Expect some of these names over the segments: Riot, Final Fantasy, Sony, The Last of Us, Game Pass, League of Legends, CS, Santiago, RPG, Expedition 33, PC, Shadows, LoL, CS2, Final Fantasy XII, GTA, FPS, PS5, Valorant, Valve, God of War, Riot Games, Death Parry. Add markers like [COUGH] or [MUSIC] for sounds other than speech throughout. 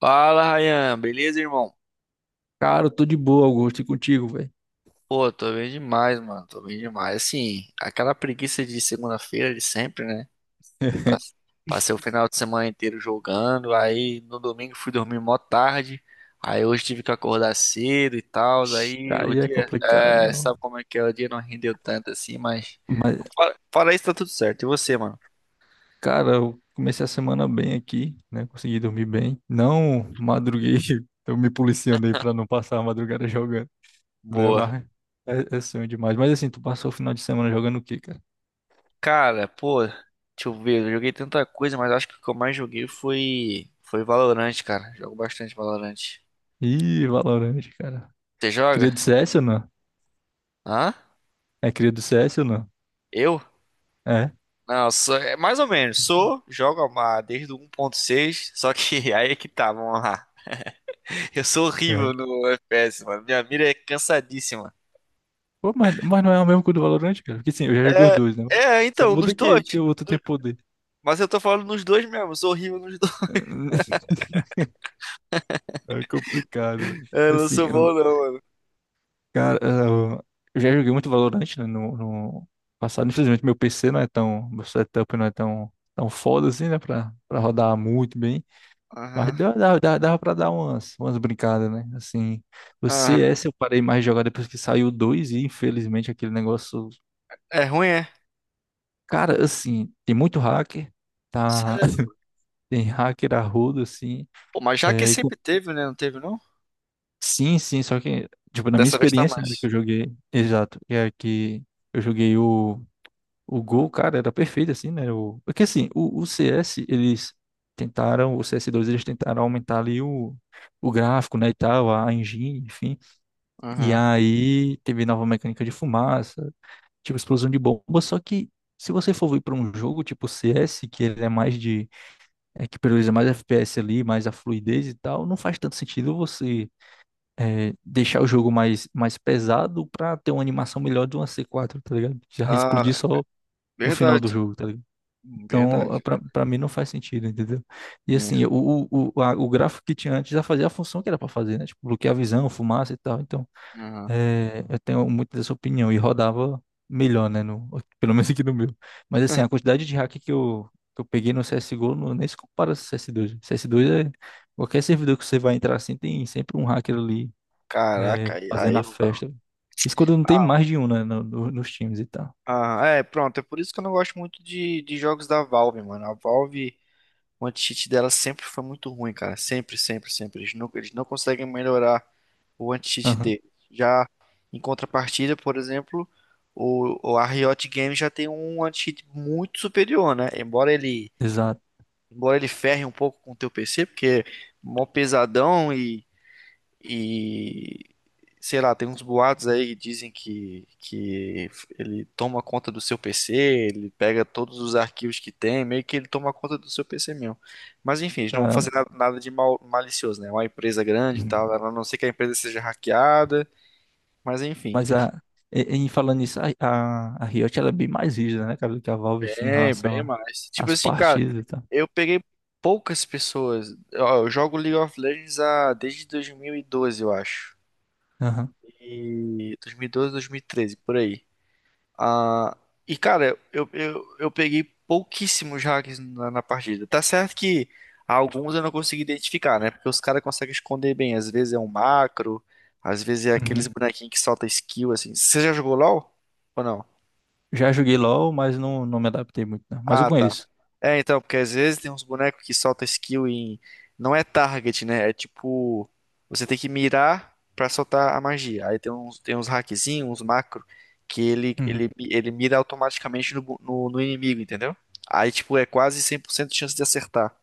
Fala, Ryan. Beleza, irmão? Cara, eu tô de boa, Augusto, e contigo, velho. Pô, tô bem demais, mano. Tô bem demais. Assim, aquela preguiça de segunda-feira de sempre, né? Pass- [LAUGHS] Passei o final de semana inteiro jogando. Aí no domingo fui dormir mó tarde. Aí hoje tive que acordar cedo e tal. Aí o Aí é dia. complicado, É, meu. sabe como é que é? O dia não rendeu tanto assim, mas. Mas, Fora isso, tá tudo certo. E você, mano? cara, eu comecei a semana bem aqui, né? Consegui dormir bem. Não madruguei, [LAUGHS] eu me policiando aí pra não passar a madrugada jogando, né? Boa. Mas é sonho demais. Mas assim, tu passou o final de semana jogando o quê, cara? Cara, pô, deixa eu ver. Eu joguei tanta coisa, mas acho que o que eu mais joguei foi. Foi Valorant, cara. Jogo bastante Valorant. Ih, Valorant, cara. Você Cria joga? do CS ou não? Hã? É cria do CS ou não? Eu? É. Não, sou, é mais ou menos. Sou, desde o 1.6, só que [LAUGHS] aí é que tá, vamos lá. Eu sou horrível Uhum. no FPS, mano. Minha mira é cansadíssima. Pô, mas não é o mesmo que o do Valorant, cara? Porque sim, eu já joguei os dois, né? É, Só então, nos muda dois. que o outro tem poder. Mas eu tô falando nos dois mesmo, eu sou horrível nos dois. [LAUGHS] [LAUGHS] É complicado. Eu não Assim, sou eu, bom não, mano. cara, eu eu já joguei muito Valorant, né, no passado. Infelizmente, meu PC não é tão, meu setup não é tão foda assim, né, pra rodar muito bem. Mas Aham, dava pra dar umas brincadas, né? Assim, o aham. CS eu parei mais de jogar depois que saiu o 2 e, infelizmente, aquele negócio. É ruim, é? Cara, assim, tem muito hacker, tá? Sério, [LAUGHS] mano? Tem hacker a rodo, assim. Pô, mas já que sempre teve, né? Não teve, não? Sim, sim, só que, tipo, na minha Dessa vez tá experiência, né, mais. que eu joguei, exato, é que eu joguei o Gol, cara, era perfeito, assim, né, o, porque, assim, o CS, eles tentaram, o CS2, eles tentaram aumentar ali o, gráfico, né, e tal, a engine, enfim, e Aham. aí teve nova mecânica de fumaça, tipo, explosão de bomba, só que se você for vir para um jogo tipo CS, que ele é mais de, é, que prioriza mais FPS ali, mais a fluidez e tal, não faz tanto sentido você deixar o jogo mais pesado pra ter uma animação melhor de uma c quatro, tá ligado? Já explodir Ah, só no final do verdade. jogo, tá ligado? Então, Verdade. pra mim não faz sentido, entendeu? E assim, É. o gráfico que tinha antes já fazia a função que era pra fazer, né? Tipo, bloquear a visão, fumaça e tal. Então, Aham. Eu tenho muito dessa opinião e rodava melhor, né? No, [LAUGHS] pelo menos aqui no meu. Mas assim, a [LAUGHS] quantidade de hack que eu peguei no CSGO não, nem se compara ao CS2. CS dois, C S dois, é. Qualquer servidor que você vai entrar assim, tem sempre um hacker ali Caraca, aí, fazendo aí a não dá. festa. Isso quando não tem Ah, mais de um, né, nos times e tal. Ah, é, pronto. É por isso que eu não gosto muito de jogos da Valve, mano. A Valve, o anti-cheat dela sempre foi muito ruim, cara. Sempre, sempre, sempre. Eles não conseguem melhorar o anti-cheat Aham, deles. Já em contrapartida, por exemplo, o, a Riot Games já tem um anti-cheat muito superior, né? Embora ele, exato. embora ele ferre um pouco com o teu PC, porque é mó pesadão e sei lá, tem uns boatos aí que dizem que ele toma conta do seu PC, ele pega todos os arquivos que tem, meio que ele toma conta do seu PC mesmo. Mas enfim, eles não vão fazer Caramba. nada, nada de mal, malicioso, né? É uma empresa grande e tal, Uhum. a não ser que a empresa seja hackeada, mas enfim. Mas a, em falando nisso, a Riot ela é bem mais rígida, né, cara, do que a Valve, assim, em É, relação bem a- mais. Tipo às assim, cara, partidas e tal. eu peguei poucas pessoas. Ó, eu jogo League of Legends há, desde 2012, eu acho. Aham. E 2012, 2013, por aí. Ah, e cara, eu peguei pouquíssimos hacks na partida. Tá certo que alguns eu não consegui identificar, né? Porque os caras conseguem esconder bem. Às vezes é um macro, às vezes é Uhum. aqueles bonequinhos que solta skill, assim. Você já jogou LoL? Ou não? Já joguei LoL, mas não me adaptei muito, não. Mas eu Ah, tá. conheço. É, então, porque às vezes tem uns bonecos que soltam skill em. Não é target, né? É tipo. Você tem que mirar pra soltar a magia. Aí tem uns hackzinhos, uns macro, que ele, ele, Uhum. ele mira automaticamente no, no inimigo, entendeu? Aí, tipo, é quase 100% de chance de acertar.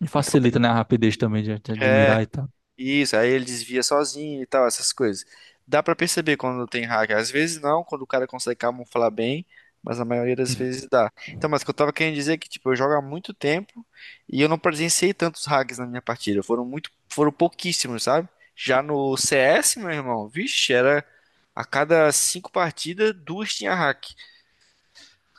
E Então tem. facilita, né, a rapidez também de É, admirar e tal. isso, aí ele desvia sozinho e tal, essas coisas. Dá pra perceber quando tem hack. Às vezes não, quando o cara consegue camuflar bem, mas a maioria das Uhum. vezes dá. Então, mas o que eu tava querendo dizer é que, tipo, eu jogo há muito tempo e eu não presenciei tantos hacks na minha partida. Foram muito, foram pouquíssimos, sabe? Já no CS, meu irmão, vixe, era a cada cinco partidas, duas tinha hack.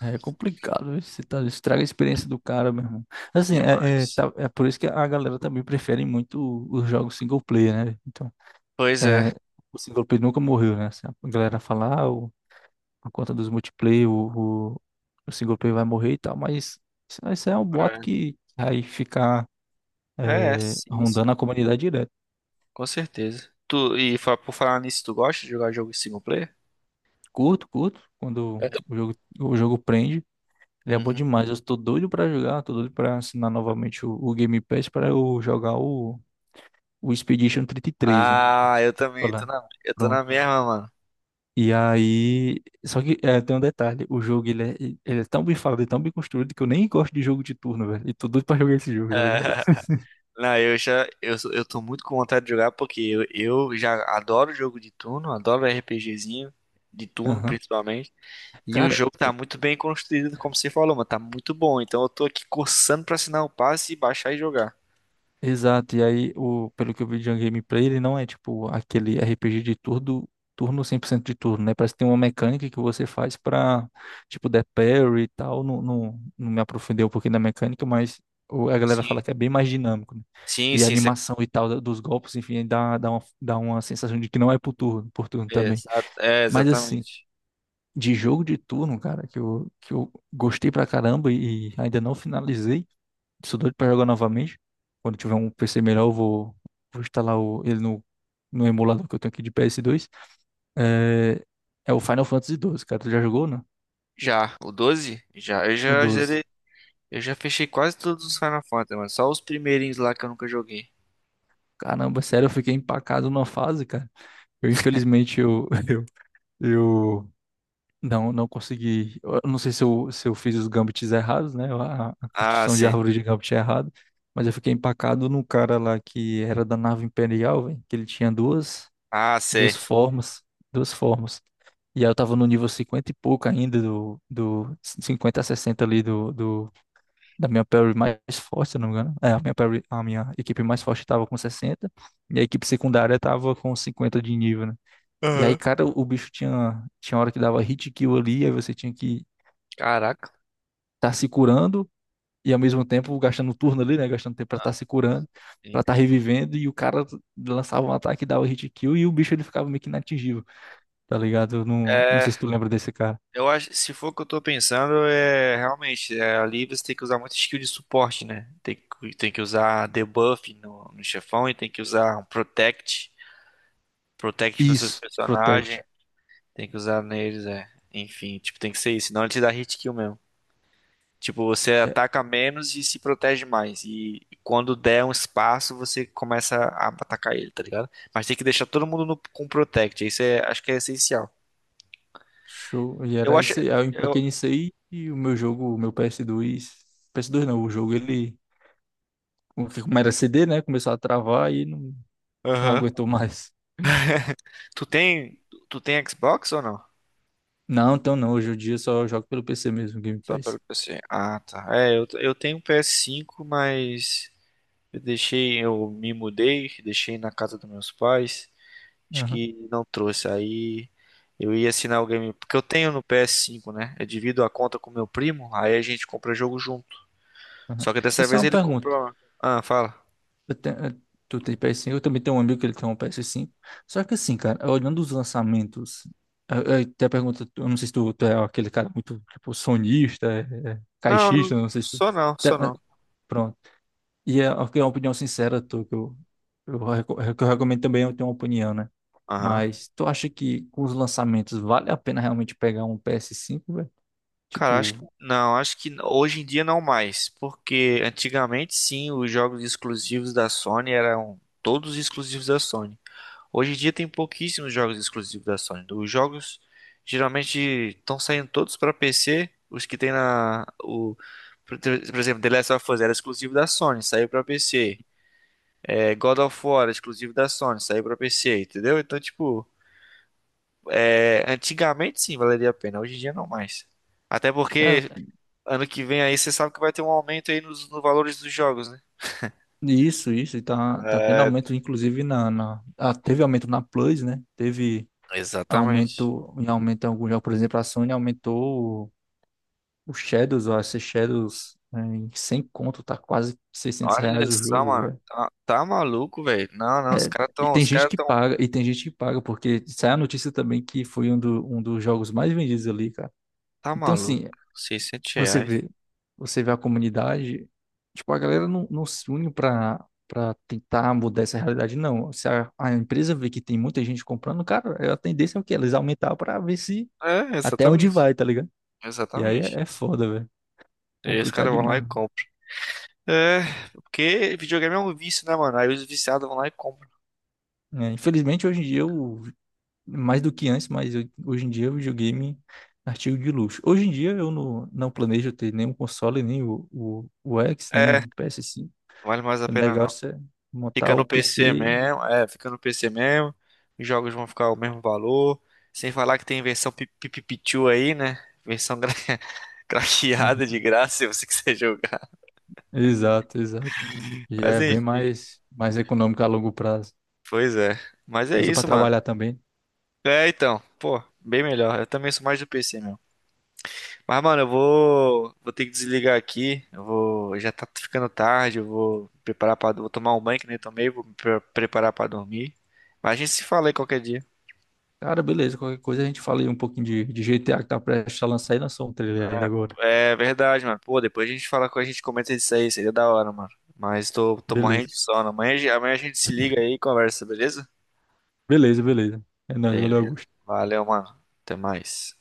É complicado, viu? Você estraga a experiência do cara, meu irmão. Assim, é, é, Demais. tá- é por isso que a galera também prefere muito os jogos single player, né? Então, Pois é. é, o single player nunca morreu, né? Assim, a galera fala, ah, por conta dos multiplayer, o single player vai morrer e tal, mas isso é um boato que vai ficar É, é, sim, rondando a comunidade direto. com certeza. Tu, e por falar nisso, tu gosta de jogar jogo single player? Curto, curto, quando o jogo prende. Ele é bom demais. Eu tô doido pra jogar, tô doido pra assinar novamente o Game Pass pra eu jogar o Expedition 33, né? Ah, eu também, Olá. Eu tô na Pronto. mesma, mano. E aí, só que tem um detalhe, o jogo ele é tão bem falado e tão bem construído que eu nem gosto de jogo de turno, velho. E tô doido pra jogar esse jogo, tá ligado? [LAUGHS] Não, eu já, eu, eu [LAUGHS] tô muito com vontade de jogar porque eu, já adoro jogo de turno, adoro RPGzinho, de turno Aham. principalmente. E o Cara, jogo tá muito bem construído, como você falou, mano, tá muito bom. Então eu tô aqui coçando pra assinar o passe e baixar e jogar. exato, e aí, pelo que eu vi de um gameplay, ele não é tipo aquele RPG de turno, 100% de turno, né? Parece que tem uma mecânica que você faz pra, tipo, Death Parry e tal. Não me aprofundei um pouquinho da mecânica, mas a galera fala Sim, que é bem mais dinâmico, né? sim, E a sim, você, animação e tal dos golpes, enfim, dá uma sensação de que não é por turno é, também. exa- é, Mas assim, exatamente. de jogo de turno, cara, que eu gostei pra caramba e ainda não finalizei. Sou doido pra jogar novamente. Quando tiver um PC melhor, eu vou instalar ele no emulador que eu tenho aqui de PS2. É, é o Final Fantasy XII, cara. Tu já jogou, né? Já, o 12? Já, eu O já 12. zerei, eu já fechei quase todos os Final Fantasy, mano, só os primeirinhos lá que eu nunca joguei. Caramba, sério, eu fiquei empacado numa fase, cara. Infelizmente, [LAUGHS] eu não consegui. Eu não sei se eu fiz os gambits errados, né? A Ah, construção de sim. árvore de gambit é errada. Mas eu fiquei empacado no cara lá que era da nave imperial, velho. Que ele tinha Ah, sei. duas formas, duas formas. E aí eu tava no nível 50 e pouco ainda, do 50 a 60 ali da minha parry mais forte, se eu não me engano. É, a minha equipe mais forte tava com 60 e a equipe secundária tava com 50 de nível, né? E aí, Aham. cara, o bicho tinha hora que dava hit kill ali, aí você tinha que Caraca. estar tá se curando, e ao mesmo tempo gastando turno ali, né? Gastando tempo pra Ah, estar tá se curando, pra sim. estar tá revivendo, e o cara lançava um ataque, dava hit kill, e o bicho ele ficava meio que inatingível. Tá ligado? Eu não É, sei se tu lembra desse cara. eu acho, se for o que eu tô pensando, é realmente, é, ali você tem que usar muito skill de suporte, né? Tem que usar debuff no chefão e tem que usar um protect, protect nos seus Isso, Protect. personagens, tem que usar neles, é. Enfim, tipo, tem que ser isso, senão ele te dá hit kill mesmo. Tipo, você É, ataca menos e se protege mais. E quando der um espaço, você começa a atacar ele, tá ligado? Mas tem que deixar todo mundo com protect. Isso é, acho que é essencial. show. E Eu era acho. isso aí. Aí eu Eu... empaquei nisso aí e o meu jogo, o meu PS2. PS2 não, o jogo ele. Como era CD, né? Começou a travar e não Aham. aguentou mais. Tu tem. Tu tem Xbox ou não? Não, então não. Hoje em dia eu só jogo pelo PC mesmo, Game Só pelo Pass. PC. Ah, tá. É, eu tenho um PS5, mas eu deixei. Eu me mudei, deixei na casa dos meus pais. Acho Aham, que não trouxe. Aí eu ia assinar o game. Porque eu tenho no PS5, né? Eu divido a conta com meu primo, aí a gente compra jogo junto. aham. Só que dessa Essa é vez uma ele pergunta. comprou. Ah, fala. Eu te- eu- tu tem PS5, eu também tenho um amigo que ele tem um PS5. Só que assim, cara, olhando os lançamentos, eu até pergunto, eu não sei se tu é aquele cara muito, tipo, sonista, Não, caixista, eu não sei se tu... só não, até- só Mas, não. pronto. E é uma opinião sincera, tu, que eu recomendo também eu tenho uma opinião, né? Aham. Mas tu acha que com os lançamentos vale a pena realmente pegar um PS5, velho? Cara, acho Tipo, que não, acho que hoje em dia não mais, porque antigamente sim, os jogos exclusivos da Sony eram todos exclusivos da Sony. Hoje em dia tem pouquíssimos jogos exclusivos da Sony. Os jogos geralmente estão saindo todos para PC, os que tem na o por exemplo, The Last of Us era exclusivo da Sony, saiu para PC. É, God of War era exclusivo da Sony, saiu para PC, entendeu? Então, tipo, é, antigamente sim valeria a pena, hoje em dia não mais. Até é, porque ano que vem aí você sabe que vai ter um aumento aí nos, nos valores dos jogos, né? isso, e tá tendo É, aumento, inclusive na, ah, teve aumento na Plus, né? Teve exatamente. Aumentou, em aumento em algum jogo, por exemplo, a Sony aumentou o Shadows, ó, esse Shadows, né, em 100 conto, tá quase 600 Olha reais o só, jogo, mano. velho. Tá, tá maluco, velho? Não, não, os caras E tão, tem os gente caras que tão, paga, e tem gente que paga, porque sai a notícia também que foi um dos jogos mais vendidos ali, cara. tá Então, maluco. assim, 600 você reais. vê, você vê a comunidade, tipo, a galera não se une pra tentar mudar essa realidade, não. Se a empresa vê que tem muita gente comprando, cara, a tendência é o quê? Eles aumentar pra ver se É, até onde exatamente. vai, tá ligado? E aí Exatamente. é foda, velho. E aí os Complicado caras vão lá e demais. compram. É, porque videogame é um vício, né, mano? Aí os viciados vão lá e compram. Né? Infelizmente, hoje em dia, eu, mais do que antes, hoje em dia, o videogame é artigo de luxo. Hoje em dia, eu não planejo ter nenhum console, nem o X, nem É, não o PS5. vale mais a O pena não. negócio é montar Fica o no PC PC. mesmo, é, fica no PC mesmo. Os jogos vão ficar o mesmo valor. Sem falar que tem versão pitiu aí, né? Versão [LAUGHS] Uhum. craqueada de graça se você [LAUGHS] quiser jogar. Exato, exato. Já Mas é bem enfim, mais econômico a longo prazo. pois é. Mas é Usa para isso, mano. trabalhar também. É, então, pô, bem melhor. Eu também sou mais do PC, meu. Mas, mano, vou ter que desligar aqui. Eu vou, já tá ficando tarde, eu vou me preparar para, vou tomar um banho que nem tomei, vou me preparar pra dormir. Mas a gente se fala aí qualquer dia. Cara, beleza. Qualquer coisa a gente fala aí um pouquinho de GTA que tá prestes a lançar e lançou um trailer ainda agora. É verdade, mano. Pô, depois a gente fala com a gente comenta isso aí, seria da hora, mano. Mas tô, tô morrendo Beleza. de sono. Amanhã, amanhã a gente se liga aí e conversa, beleza? Beleza, beleza. É nóis, valeu, Beleza. Augusto. Valeu, mano. Até mais.